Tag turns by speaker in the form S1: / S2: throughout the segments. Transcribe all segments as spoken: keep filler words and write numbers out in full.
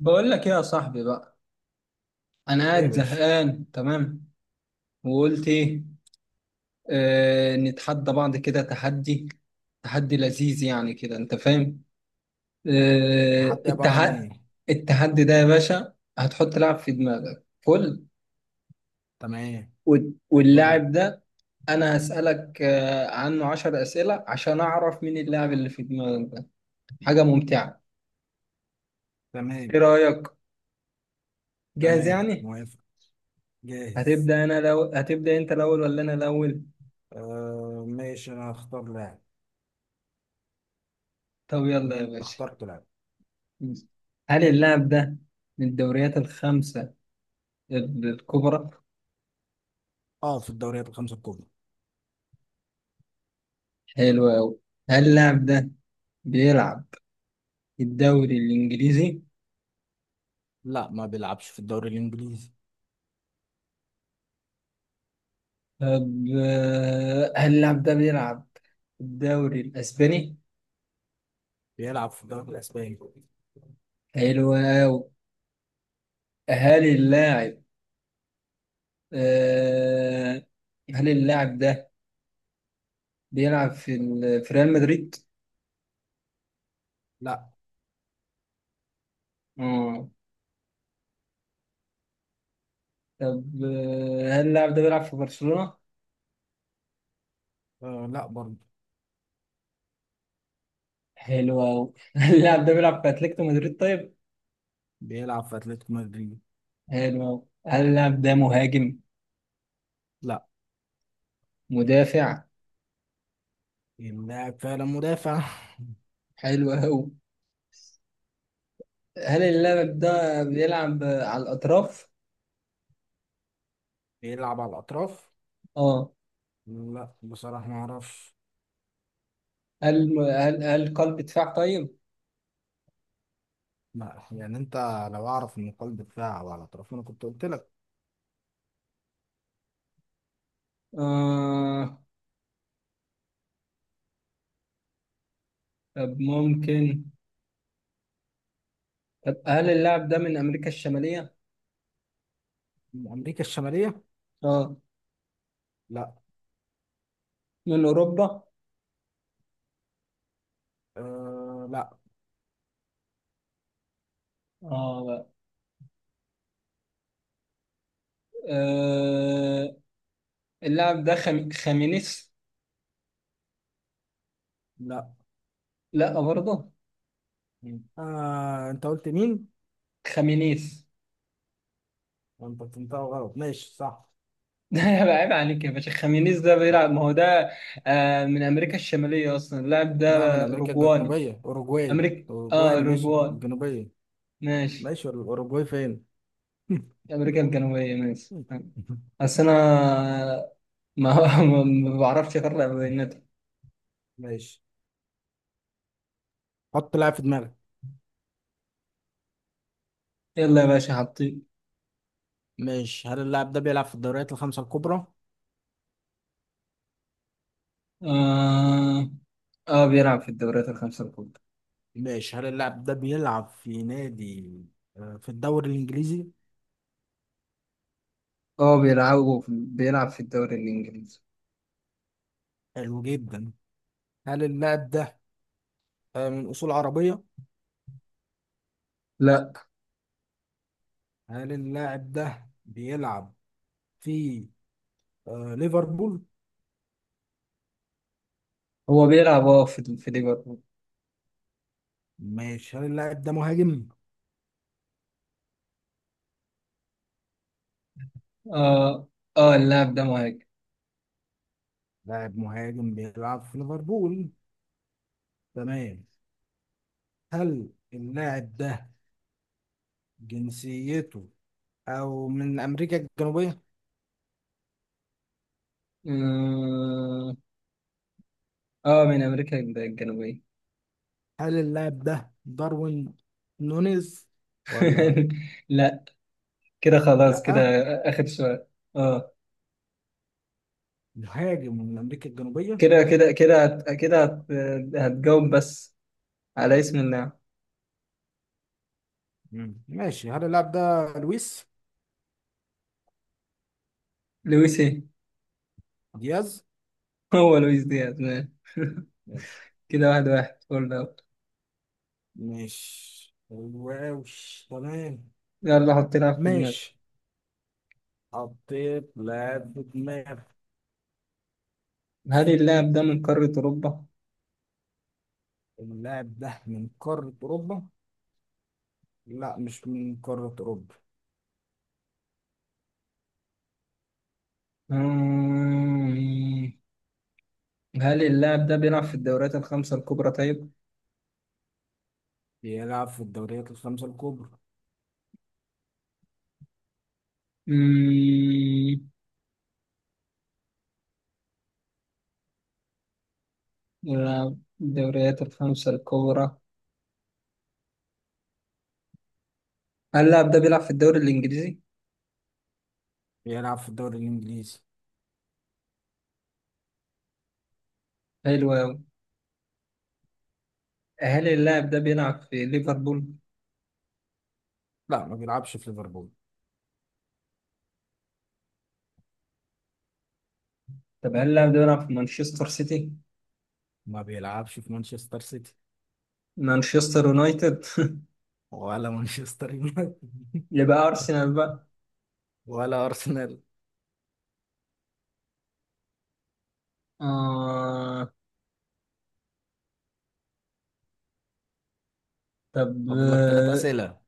S1: بقول لك ايه يا صاحبي بقى. انا
S2: ايه يا
S1: قاعد
S2: باشا؟
S1: زهقان تمام. وقلت ايه؟ آه نتحدى بعض كده تحدي. تحدي لذيذ يعني كده انت فاهم. آه
S2: التحدي عبارة عن ايه؟
S1: التحدي. التحدي ده يا باشا هتحط لاعب في دماغك فل.
S2: تمام.
S1: وال-
S2: حلو أوي.
S1: واللاعب ده، انا هسألك آه عنه عشر أسئلة عشان اعرف مين اللاعب اللي في دماغك ده. حاجة ممتعة.
S2: تمام
S1: ايه رأيك؟ جاهز
S2: تمام،
S1: يعني؟
S2: موافق. جاهز.
S1: هتبدأ انا لو هتبدأ انت الاول ولا انا الاول؟
S2: آه ماشي، انا هختار لاعب.
S1: طب يلا يا
S2: تمام،
S1: باشا.
S2: اخترت لاعب.
S1: هل اللاعب ده من الدوريات الخمسة ال- الكبرى؟
S2: اه، في الدوريات الخمسة الكبرى.
S1: حلو أوي. هل اللاعب ده بيلعب في الدوري الإنجليزي؟
S2: لا ما بيلعبش في الدوري الانجليزي.
S1: طب آه، هل اللاعب ده بيلعب في الدوري الأسباني؟
S2: بيلعب في الدوري الاسباني.
S1: حلو أوي. هل اللاعب آه، هل اللاعب ده بيلعب في ال- في ريال مدريد؟
S2: لا.
S1: آه. طب آه، هل اللاعب ده بيلعب في برشلونة؟
S2: آه لا برضه.
S1: حلو أوي. هل اللاعب ده بيلعب في أتلتيكو مدريد طيب؟
S2: بيلعب في اتلتيكو مدريد.
S1: حلو أوي. هل اللاعب ده مهاجم؟
S2: لا.
S1: مدافع؟
S2: اللاعب فعلا مدافع.
S1: حلو أوي. هل اللاعب ده بيلعب على الأطراف؟
S2: بيلعب على الاطراف.
S1: اه.
S2: لا، بصراحة ما اعرفش.
S1: هل هل هل قلب دفاع طيب؟
S2: لا، يعني انت لو اعرف ان قلب دفاع على الاطراف انا كنت قلت لك.
S1: آه. طب ممكن. طب هل اللاعب ده من أمريكا الشمالية؟
S2: من امريكا الشمالية.
S1: اه.
S2: لا.
S1: من أوروبا؟
S2: آه لا.
S1: اه بقى. آه اللاعب ده خم... خامينيس.
S2: لا،
S1: لا برضه.
S2: مين؟ آه انت قلت مين؟
S1: خامينيس.
S2: انت فهمتها غلط، ماشي صح.
S1: ده يبقى عيب عليك يا باشا. خامينيس ده بيلعب، ما هو ده آه من أمريكا الشمالية أصلا. اللاعب
S2: ده
S1: ده
S2: من امريكا
S1: أوروجواني.
S2: الجنوبية، اوروجواي.
S1: امريكا،
S2: اوروجواي،
S1: اه
S2: ماشي
S1: الاوروغواي
S2: الجنوبية.
S1: ماشي.
S2: ماشي، الاوروجواي فين؟
S1: امريكا الجنوبيه ماشي. بس انا ما ما ما بعرفش اقرا بياناتي.
S2: ماشي، حط لاعب في دماغك.
S1: يلا يا باشا حطي.
S2: ماشي، هل اللاعب ده بيلعب في الدوريات الخمسة الكبرى؟
S1: اه اه، بيلعب في الدوريات الخمسه الكبرى.
S2: ماشي، هل اللاعب ده بيلعب في نادي، آه، في الدوري الإنجليزي؟
S1: اه، بيلعب بيلعب في الدوري الانجليزي.
S2: حلو جدا. هل اللاعب ده، آه، من أصول عربية؟
S1: لا.
S2: هل اللاعب ده بيلعب في آه ليفربول؟
S1: هو بيلعب اه في في ليفربول.
S2: ماشي، هل اللاعب ده مهاجم؟
S1: اه. اه اللاعب ده مهاجم.
S2: لاعب مهاجم بيلعب في ليفربول. تمام. هل اللاعب ده جنسيته أو من أمريكا الجنوبية؟
S1: اه، آه، من امريكا الجنوبيه.
S2: هل اللاعب ده داروين نونيز ولا؟
S1: لا. كده خلاص كده.
S2: لأ؟
S1: اخر سؤال. اه.
S2: مهاجم من أمريكا الجنوبية؟
S1: كده كده كده هت... كده هت... هتجاوب بس على اسم اللاعب.
S2: مم. ماشي، هل اللاعب ده لويس
S1: لويس ايه؟
S2: دياز؟
S1: هو لويس دياز ماشي.
S2: ماشي.
S1: كده واحد واحد فول اوت.
S2: ماشي، واو. تمام.
S1: يلا حط لعب في دماغك.
S2: ماشي، حطيت لاعب في دماغي.
S1: هل اللاعب ده من قارة أوروبا؟
S2: اللاعب ده من قارة أوروبا؟ لا، مش من قارة أوروبا.
S1: مم. هل اللاعب ده بيلعب في الدوريات الخمسة الكبرى طيب؟
S2: بيلعب في الدوريات الخمسة الكبرى.
S1: مم. بيلعب في الدوريات الخمسة الكبرى. هل اللاعب ده بيلعب في الدوري الإنجليزي؟
S2: بيلعب في الدوري الإنجليزي.
S1: حلو أوي. هل اللاعب ده بيلعب في ليفربول؟
S2: لا، ما بيلعبش في ليفربول.
S1: طب هل اللاعب ده بيلعب في مانشستر سيتي؟
S2: ما بيلعبش في مانشستر سيتي.
S1: مانشستر يونايتد؟
S2: ولا مانشستر يونايتد.
S1: يبقى أرسنال بقى.
S2: ولا أرسنال.
S1: آه. طب.
S2: فاضل لك ثلاث أسئلة.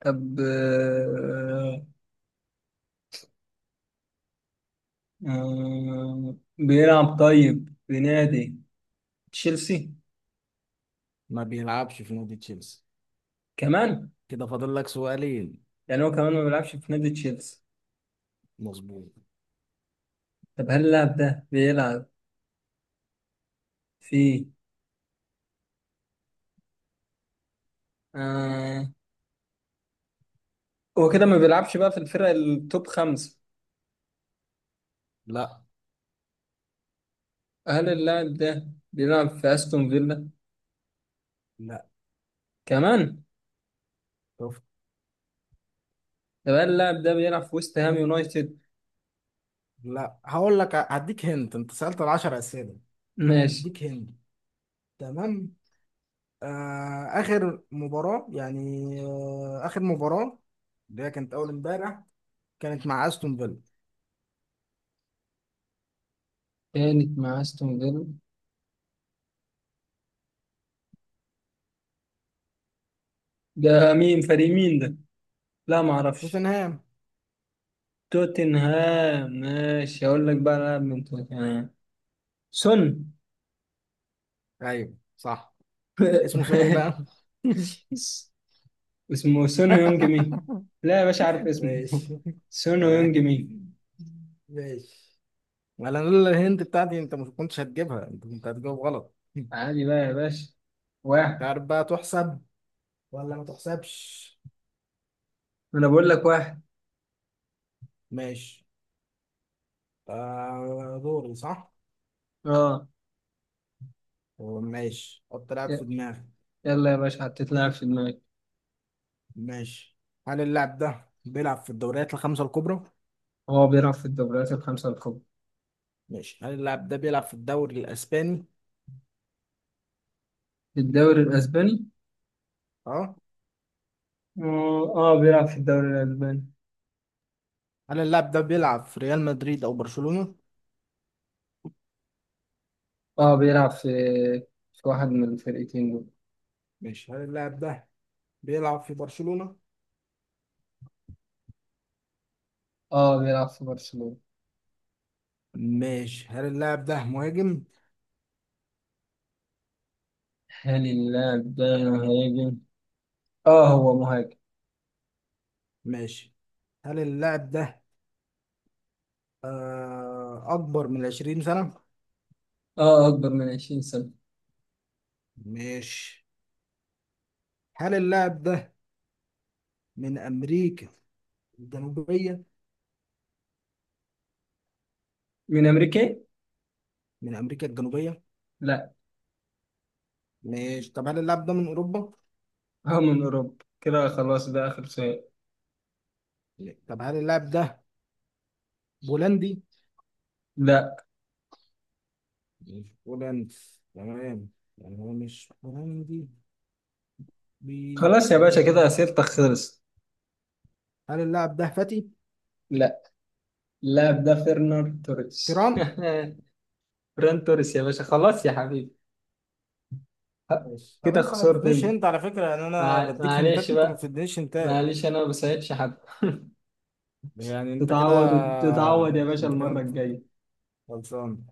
S1: طب آه آه بيلعب طيب في نادي تشيلسي؟
S2: ما بيلعبش في نادي تشيلسي.
S1: كمان.
S2: كده فاضل لك سؤالين.
S1: يعني هو كمان ما بيلعبش في نادي تشيلسي.
S2: مظبوط.
S1: طب هل اللاعب ده بيلعب في. آه هو كده ما بيلعبش بقى في الفرق التوب خمسة.
S2: لا.
S1: هل اللاعب ده بيلعب في أستون فيلا؟
S2: لا،
S1: كمان.
S2: شفت.
S1: طب هل اللاعب ده بيلعب في ويست هام يونايتد؟
S2: لا، هقول لك، هديك هنت، انت سألت العشر أسئلة.
S1: ماشي.
S2: هديك هنت. تمام. آه، آخر مباراة يعني آه، آخر مباراة اللي هي كانت أول امبارح، كانت مع أستون فيلا.
S1: كانت مع أستون فيلا. ده مين؟ فريق مين ده؟ لا ما اعرفش.
S2: توتنهام.
S1: توتنهام. ماشي، اقول لك بقى لاعب من توتنهام. سون.
S2: أيوه صح. اسمه سون إيه بقى؟
S1: ماشي. اسمه سون هيونج مي. لا يا باشا عارف اسمه
S2: ماشي.
S1: سون هيونج
S2: تمام.
S1: مي.
S2: ماشي، ما أنا لولا الهنت بتاعتي أنت ما كنتش هتجيبها. أنت كنت هتجاوب غلط، مش
S1: عادي بقى يا باشا. واحد.
S2: عارف بقى تحسب ولا ما تحسبش.
S1: انا بقول لك واحد.
S2: ماشي. آه، دوري صح؟
S1: اه.
S2: ماشي، حط لعب في
S1: ي-
S2: دماغك.
S1: يلا يا باشا حطيت لاعب في دماغي.
S2: ماشي، هل اللاعب ده بيلعب في الدوريات الخمسة الكبرى؟
S1: هو بيلعب في الدوريات الخمسة الكبرى.
S2: ماشي، هل اللاعب ده بيلعب في الدوري الأسباني؟
S1: في الدوري الاسباني.
S2: اه.
S1: اه آه، بيلعب في الدوري الاسباني.
S2: هل اللاعب ده بيلعب في ريال مدريد أو برشلونة؟
S1: اه، بيلعب في في واحد من الفرقتين دول.
S2: ماشي، هل اللاعب ده بيلعب في برشلونة؟
S1: اه، بيلعب في برشلونة.
S2: ماشي، هل اللاعب ده مهاجم؟
S1: هل اللاعب ده مهاجم؟ اه هو مهاجم.
S2: ماشي، هل اللاعب ده آه أكبر من 20 سنة؟
S1: اه اكبر من 20 سنة.
S2: ماشي، هل اللاعب ده من أمريكا الجنوبية؟
S1: من امريكا؟
S2: من أمريكا الجنوبية؟
S1: لا.
S2: ماشي، طب هل اللاعب ده من أوروبا؟
S1: هو من اوروبا كده خلاص ده اخر سؤال.
S2: لا. طب هل اللاعب ده بولندي؟
S1: لا.
S2: مش بولنس، تمام. يعني هو مش بولندي.
S1: خلاص يا باشا كده
S2: بيلعب.
S1: سيرتك خلصت.
S2: هل اللاعب ده فتي؟
S1: لا. اللاعب ده فيرنر توريس.
S2: تيران؟
S1: فران توريس يا باشا. خلاص يا حبيبي.
S2: ماشي، طب
S1: كده
S2: انت ما
S1: خسرت
S2: اديتنيش
S1: انت.
S2: هنت على فكرة، يعني انا
S1: مع-
S2: بديك هنتات،
S1: معلش
S2: انت ما
S1: بقى.
S2: بتدينيش هنتات.
S1: معلش انا ما بساعدش حد.
S2: يعني انت كده،
S1: تتعود تتعود يا باشا
S2: انت
S1: المرة
S2: كده
S1: الجاية.
S2: خلصان.